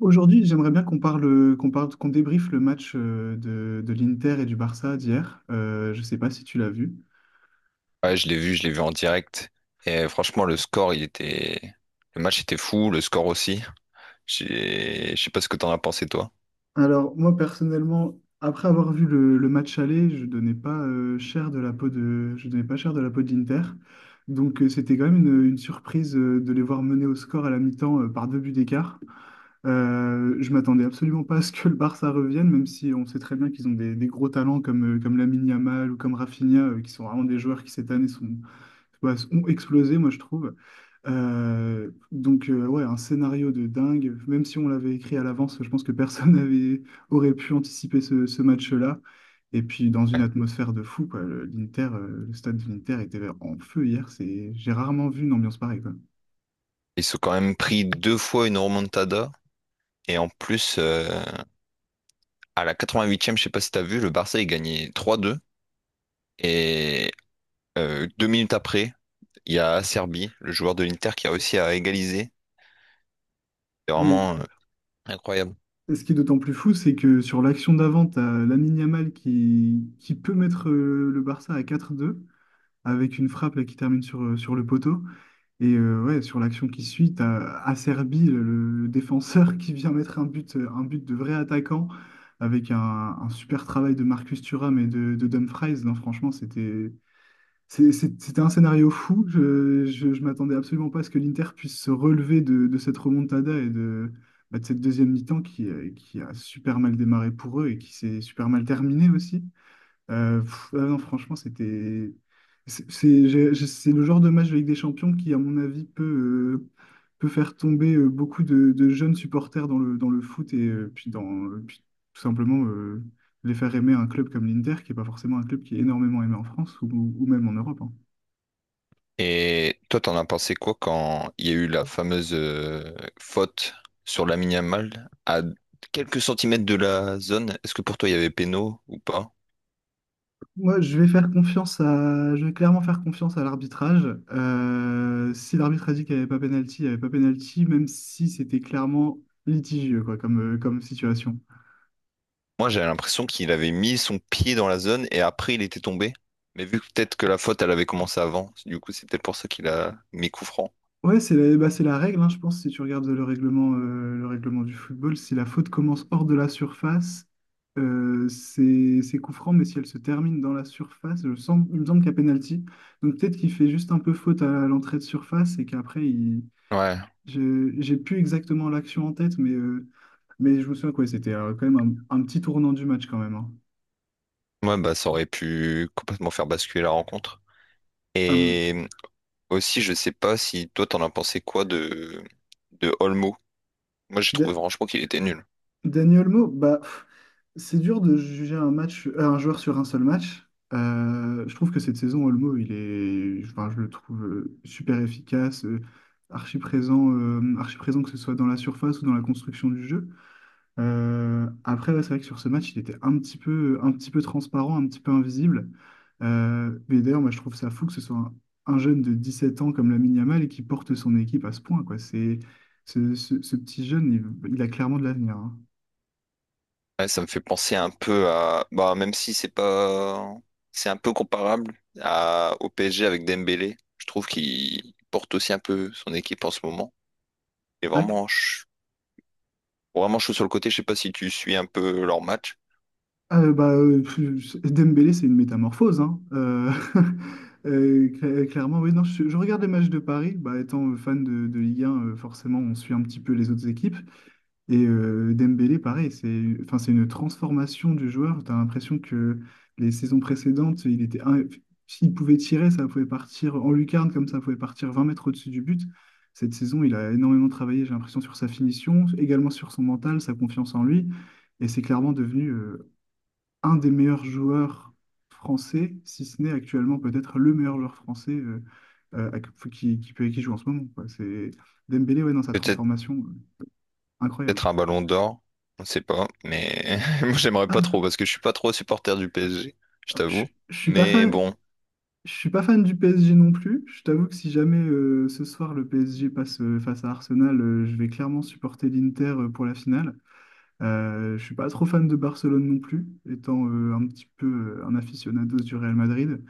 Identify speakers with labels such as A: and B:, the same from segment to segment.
A: Aujourd'hui, j'aimerais bien qu'on parle, qu'on débriefe le match de l'Inter et du Barça d'hier. Je ne sais pas si tu l'as vu.
B: Ouais, je l'ai vu en direct. Et franchement, le score, il était. Le match était fou, le score aussi. Je sais pas ce que t'en as pensé, toi.
A: Alors, moi, personnellement, après avoir vu le match aller, je donnais pas cher de la peau de, je donnais pas cher de la peau de l'Inter. Donc, c'était quand même une surprise de les voir mener au score à la mi-temps par deux buts d'écart. Je m'attendais absolument pas à ce que le Barça revienne, même si on sait très bien qu'ils ont des gros talents comme Lamine Yamal ou comme Rafinha, qui sont vraiment des joueurs qui cette année ont explosé, moi, je trouve. Donc, ouais, un scénario de dingue. Même si on l'avait écrit à l'avance, je pense que personne n'avait aurait pu anticiper ce match-là. Et puis, dans une
B: Ouais.
A: atmosphère de fou, quoi. Le stade de l'Inter était en feu hier. J'ai rarement vu une ambiance pareille, quoi.
B: Ils sont quand même pris deux fois une remontada. Et en plus, à la 88e, je sais pas si t'as vu, le Barça, il gagnait 3-2. Et deux minutes après, il y a Serbie, le joueur de l'Inter, qui a réussi à égaliser. C'est
A: Ah, mais
B: vraiment incroyable.
A: ce qui est d'autant plus fou, c'est que sur l'action d'avant, tu as Lamine Yamal qui peut mettre le Barça à 4-2 avec une frappe là, qui termine sur le poteau. Et ouais, sur l'action qui suit, t'as Acerbi, le défenseur, qui vient mettre un but de vrai attaquant avec un super travail de Marcus Thuram et de Dumfries. Non, franchement, c'était un scénario fou. Je m'attendais absolument pas à ce que l'Inter puisse se relever de cette remontada et de cette deuxième mi-temps qui a super mal démarré pour eux et qui s'est super mal terminée aussi. Ah non, franchement, c'était. C'est le genre de match de Ligue des Champions qui, à mon avis, euh, peut faire tomber beaucoup de jeunes supporters dans le foot et puis, tout simplement les faire aimer un club comme l'Inter, qui n'est pas forcément un club qui est énormément aimé en France ou même en Europe, hein.
B: Et toi, t'en as pensé quoi quand il y a eu la fameuse faute sur Lamine Yamal à quelques centimètres de la zone? Est-ce que pour toi, il y avait péno ou pas?
A: Moi, je vais clairement faire confiance à l'arbitrage. Si l'arbitre a dit qu'il n'y avait pas pénalty, il n'y avait pas pénalty, même si c'était clairement litigieux quoi, comme situation.
B: Moi, j'avais l'impression qu'il avait mis son pied dans la zone et après, il était tombé. Mais vu que peut-être que la faute, elle avait commencé avant, du coup, c'est peut-être pour ça qu'il a mis coup franc.
A: Ouais, c'est la règle, hein, je pense, si tu regardes le règlement du football, si la faute commence hors de la surface, c'est coup franc, mais si elle se termine dans la surface, il me semble qu'il y a pénalty. Donc peut-être qu'il fait juste un peu faute à l'entrée de surface et qu'après, il.
B: Ouais.
A: J'ai plus exactement l'action en tête, mais je me souviens quoi, c'était quand même un petit tournant du match quand même, hein.
B: Ouais, bah, ça aurait pu complètement faire basculer la rencontre.
A: Ah, mais
B: Et aussi, je sais pas si toi, t'en as pensé quoi de Olmo. Moi, j'ai
A: Da-
B: trouvé franchement qu'il était nul.
A: Dani Olmo, bah, c'est dur de juger un joueur sur un seul match. Je trouve que cette saison, Olmo, enfin, je le trouve super efficace, archi présent que ce soit dans la surface ou dans la construction du jeu. Après, ouais, c'est vrai que sur ce match, il était un petit peu transparent, un petit peu invisible. Mais d'ailleurs, moi, je trouve ça fou que ce soit un jeune de 17 ans comme Lamine Yamal et qui porte son équipe à ce point, quoi. Ce petit jeune, il a clairement de l'avenir, hein.
B: Ouais, ça me fait penser un peu à, bah, même si c'est pas, c'est un peu comparable à, au PSG avec Dembélé. Je trouve qu'il porte aussi un peu son équipe en ce moment. Et vraiment, vraiment chaud sur le côté. Je sais pas si tu suis un peu leur match.
A: Bah, Dembélé, c'est une métamorphose, hein. Clairement, oui. Non, je regarde les matchs de Paris. Bah, étant fan de Ligue 1, forcément, on suit un petit peu les autres équipes. Et Dembélé, pareil, enfin, c'est une transformation du joueur. Tu as l'impression que les saisons précédentes, s'il pouvait tirer, ça pouvait partir en lucarne, comme ça pouvait partir 20 mètres au-dessus du but. Cette saison, il a énormément travaillé, j'ai l'impression, sur sa finition, également sur son mental, sa confiance en lui. Et c'est clairement devenu un des meilleurs joueurs français, si ce n'est actuellement peut-être le meilleur joueur français euh, à- qui joue en ce moment, quoi. C'est Dembélé, ouais, dans sa
B: Peut-être
A: transformation, incroyable.
B: peut-être un ballon d'or, on ne sait pas, mais moi j'aimerais pas trop
A: Ah,
B: parce que je suis pas trop supporter du PSG, je
A: je,
B: t'avoue.
A: je suis pas
B: Mais
A: fan,
B: bon,
A: je suis pas fan du PSG non plus. Je t'avoue que si jamais ce soir le PSG passe face à Arsenal, je vais clairement supporter l'Inter pour la finale. Je suis pas trop fan de Barcelone non plus, étant un petit peu un aficionados du Real Madrid.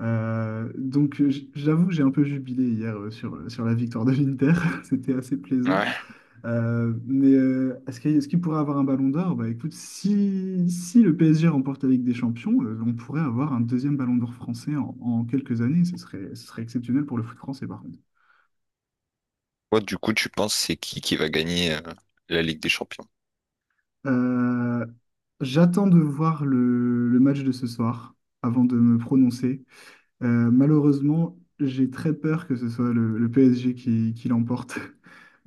A: Donc, j'avoue que j'ai un peu jubilé hier sur la victoire de l'Inter, c'était assez plaisant.
B: ouais.
A: Mais est-ce qu'il pourrait avoir un ballon d'or? Bah écoute, si le PSG remporte la Ligue des Champions, on pourrait avoir un deuxième ballon d'or français en quelques années, ce serait exceptionnel pour le foot français par contre.
B: Toi, du coup, tu penses c'est qui va gagner la Ligue des Champions?
A: Euh, j'attends de voir le match de ce soir avant de me prononcer. Malheureusement, j'ai très peur que ce soit le PSG qui l'emporte.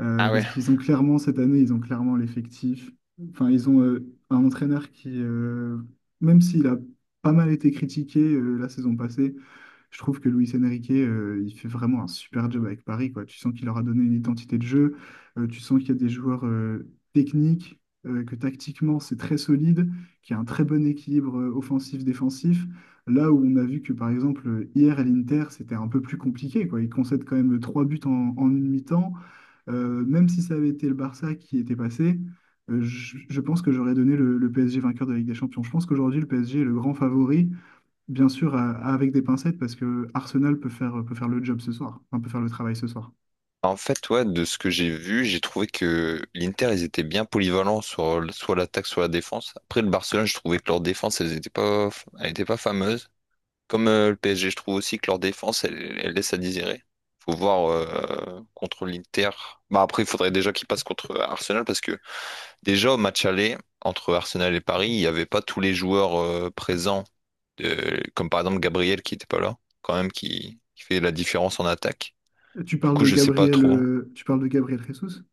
A: Euh,
B: Ah
A: parce
B: ouais.
A: qu'ils ont clairement, cette année, ils ont clairement l'effectif. Enfin, ils ont un entraîneur qui, même s'il a pas mal été critiqué la saison passée, je trouve que Luis Enrique, il fait vraiment un super job avec Paris, quoi. Tu sens qu'il leur a donné une identité de jeu, tu sens qu'il y a des joueurs techniques, que tactiquement c'est très solide, qu'il y a un très bon équilibre offensif-défensif. Là où on a vu que par exemple hier à l'Inter, c'était un peu plus compliqué, quoi. Ils concèdent quand même trois buts en une mi-temps. Même si ça avait été le Barça qui était passé, je pense que j'aurais donné le PSG vainqueur de la Ligue des Champions. Je pense qu'aujourd'hui, le PSG est le grand favori. Bien sûr, avec des pincettes, parce que Arsenal peut faire, le job ce soir, enfin, peut faire le travail ce soir.
B: En fait, ouais, de ce que j'ai vu, j'ai trouvé que l'Inter, ils étaient bien polyvalents sur soit l'attaque, soit la défense. Après, le Barcelone, je trouvais que leur défense, elle était pas fameuse. Comme le PSG, je trouve aussi que leur défense, elle, elle laisse à désirer. Faut voir contre l'Inter. Bah après, il faudrait déjà qu'ils passent contre Arsenal parce que déjà au match aller entre Arsenal et Paris, il n'y avait pas tous les joueurs présents, comme par exemple Gabriel qui n'était pas là, quand même qui fait la différence en attaque.
A: Tu
B: Du
A: parles
B: coup,
A: de
B: je sais pas
A: Gabriel,
B: trop.
A: tu parles de Gabriel Jesus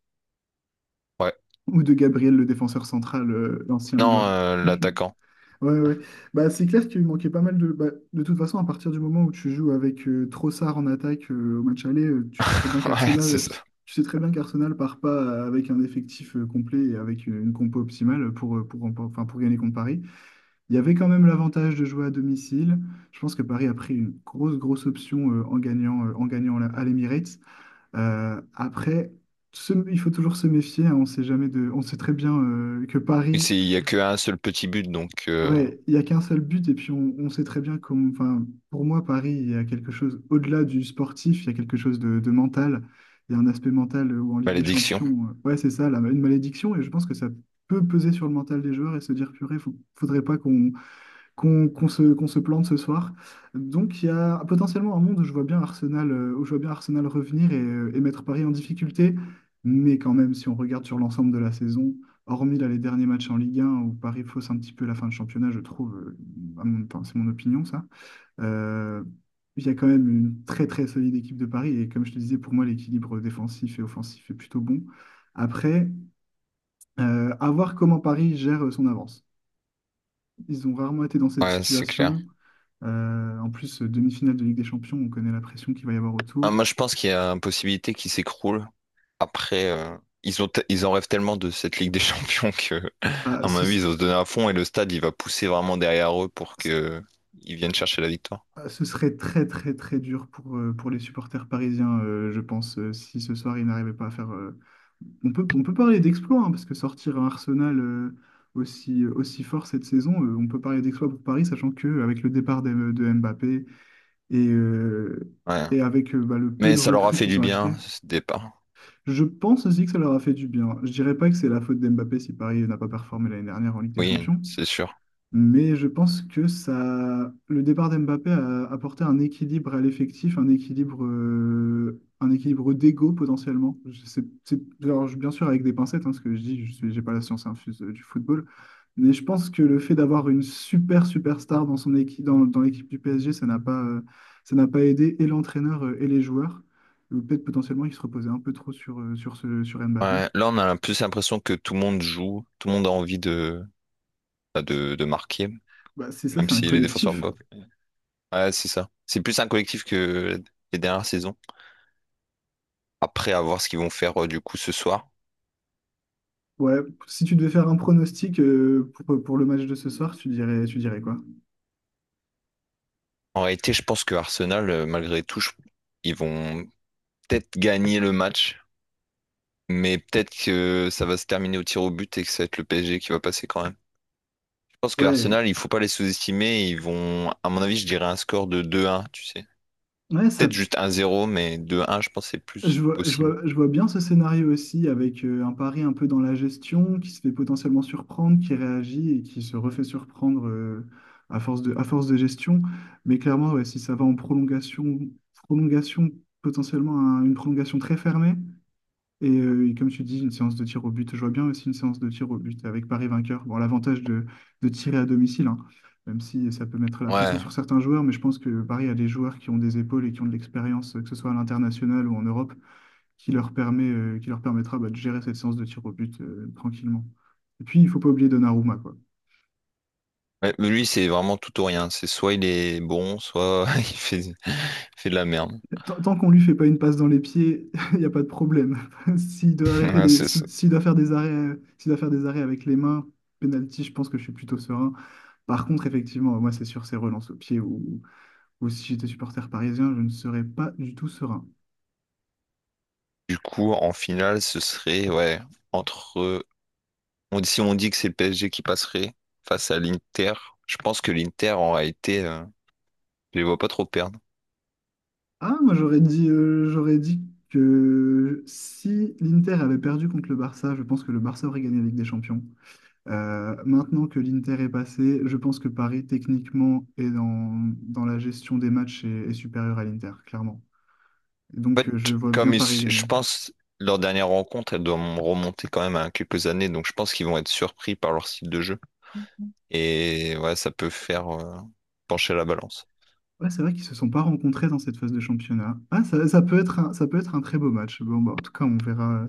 B: Ouais.
A: ou de Gabriel, le défenseur central, l'ancien
B: Non,
A: Lillois.
B: l'attaquant.
A: Ouais, ouais. Bah, c'est clair qu'il manquait pas mal de. Bah, de toute façon, à partir du moment où tu joues avec Trossard en attaque au match aller, tu sais très bien
B: Ouais, c'est
A: qu'Arsenal, tu
B: ça.
A: tu sais très bien qu'Arsenal part pas avec un effectif complet et avec une compo optimale pour gagner contre Paris. Il y avait quand même l'avantage de jouer à domicile. Je pense que Paris a pris une grosse, grosse option en gagnant à l'Emirates. Après, il faut toujours se méfier, hein. on sait jamais de, on sait très bien que
B: Et
A: Paris,
B: Il n'y a qu'un seul petit but, donc
A: ouais, il n'y a qu'un seul but. Et puis, on sait très bien enfin, pour moi, Paris, il y a quelque chose au-delà du sportif. Il y a quelque chose de mental. Il y a un aspect mental où en Ligue des
B: malédiction.
A: Champions, ouais, c'est ça, une malédiction. Et je pense que ça peut peser sur le mental des joueurs et se dire, purée, faudrait pas qu'on se plante ce soir. Donc il y a potentiellement un monde où je vois bien Arsenal revenir et mettre Paris en difficulté. Mais quand même, si on regarde sur l'ensemble de la saison, hormis là, les derniers matchs en Ligue 1 où Paris fausse un petit peu la fin de championnat, je trouve, enfin, c'est mon opinion ça, euh, il y a quand même une très très solide équipe de Paris. Et comme je te disais, pour moi, l'équilibre défensif et offensif est plutôt bon. Après, à voir comment Paris gère son avance. Ils ont rarement été dans cette
B: Ouais, c'est clair.
A: situation. En plus, demi-finale de Ligue des Champions, on connaît la pression qu'il va y avoir
B: Ah,
A: autour.
B: moi, je pense qu'il y a une possibilité qui s'écroule. Après, ils en rêvent tellement de cette Ligue des Champions que,
A: Ah,
B: à mon
A: ce,
B: avis,
A: ce-
B: ils vont se donner à fond et le stade, il va pousser vraiment derrière eux pour que ils viennent chercher la victoire.
A: ce serait très, très, très dur pour les supporters parisiens, je pense, si ce soir ils n'arrivaient pas à faire. On peut parler d'exploit, hein, parce que sortir un Arsenal aussi fort cette saison, on peut parler d'exploit pour Paris, sachant qu'avec le départ de Mbappé et, euh,
B: Ouais.
A: et avec bah, le peu
B: Mais
A: de
B: ça leur a
A: recrues
B: fait du
A: qu'ils ont
B: bien,
A: achetées.
B: ce départ.
A: Je pense aussi que ça leur a fait du bien. Je dirais pas que c'est la faute d'Mbappé si Paris n'a pas performé l'année dernière en Ligue des
B: Oui,
A: Champions,
B: c'est sûr.
A: mais je pense que ça, le départ d'Mbappé a apporté un équilibre à l'effectif, un équilibre d'ego potentiellement. Alors, bien sûr avec des pincettes, hein, ce que je dis, j'ai pas la science infuse du football, mais je pense que le fait d'avoir une super superstar dans son équipe, dans l'équipe du PSG, ça n'a pas aidé et l'entraîneur et les joueurs. Ou peut-être potentiellement ils se reposaient un peu trop sur, sur ce, sur Mbappé.
B: Ouais. Là, on a plus l'impression que tout le monde joue, tout le monde a envie de, bah, de marquer,
A: Bah, c'est ça,
B: même
A: c'est un
B: si les défenseurs
A: collectif.
B: bloquent. Ouais, c'est ça. C'est plus un collectif que les dernières saisons. Après, à voir ce qu'ils vont faire du coup ce soir.
A: Ouais, si tu devais faire un pronostic pour le match de ce soir, tu dirais quoi?
B: En réalité, je pense que Arsenal, malgré tout, ils vont peut-être gagner le match, mais peut-être que ça va se terminer au tir au but et que ça va être le PSG qui va passer quand même. Je pense que
A: Ouais,
B: Arsenal, il faut pas les sous-estimer. Ils vont, à mon avis, je dirais un score de 2-1, tu sais.
A: ouais, ça,
B: Peut-être juste 1-0, mais 2-1, je pense que c'est plus
A: je vois, je
B: possible.
A: vois, je vois bien ce scénario aussi avec un pari un peu dans la gestion qui se fait potentiellement surprendre, qui réagit et qui se refait surprendre à force de gestion. Mais clairement, ouais, si ça va en prolongation, prolongation potentiellement une prolongation très fermée, et, et comme tu dis, une séance de tir au but, je vois bien aussi une séance de tir au but avec Paris vainqueur. Bon, l'avantage de tirer à domicile, hein, même si ça peut mettre la pression
B: Ouais.
A: sur certains joueurs, mais je pense que Paris a des joueurs qui ont des épaules et qui ont de l'expérience, que ce soit à l'international ou en Europe, qui leur permet, qui leur permettra bah, de gérer cette séance de tir au but tranquillement. Et puis, il ne faut pas oublier Donnarumma, quoi.
B: Ouais, mais lui, c'est vraiment tout ou rien. C'est soit il est bon, soit il fait de la merde.
A: Tant, tant qu'on lui fait pas une passe dans les pieds, il n'y a pas de problème. S'il doit arrêter
B: Ouais,
A: les,
B: c'est ça.
A: s'il doit faire des arrêts, s'il doit faire des arrêts avec les mains, penalty, je pense que je suis plutôt serein. Par contre, effectivement, moi, c'est sûr, ces relances au pied ou si j'étais supporter parisien, je ne serais pas du tout serein.
B: Du coup, en finale, ce serait, ouais, entre. On- si on dit que c'est le PSG qui passerait face à l'Inter, je pense que l'Inter aura été. Euh, je les vois pas trop perdre.
A: Ah, moi, j'aurais dit que si l'Inter avait perdu contre le Barça, je pense que le Barça aurait gagné la Ligue des Champions. Maintenant que l'Inter est passé, je pense que Paris, techniquement, et dans, dans la gestion des matchs, est, est supérieur à l'Inter, clairement.
B: En
A: Donc,
B: fait,
A: je vois bien Paris
B: je
A: gagner.
B: pense, leur dernière rencontre, elle doit remonter quand même à quelques années, donc je pense qu'ils vont être surpris par leur style de jeu. Et ouais, ça peut faire pencher la balance.
A: Ouais, c'est vrai qu'ils se sont pas rencontrés dans cette phase de championnat. Ah, ça peut être un, ça peut être un très beau match. Bon, bah, en tout cas,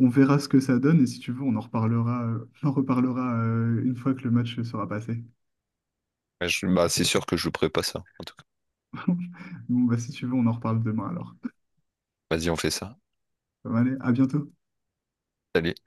A: on verra ce que ça donne et si tu veux, on en reparlera une fois que le match sera passé.
B: Ouais, bah, c'est sûr que je jouerai pas ça, en tout cas.
A: Bon, bah, si tu veux, on en reparle demain alors.
B: Vas-y, on fait ça.
A: Bon, allez, à bientôt.
B: Salut.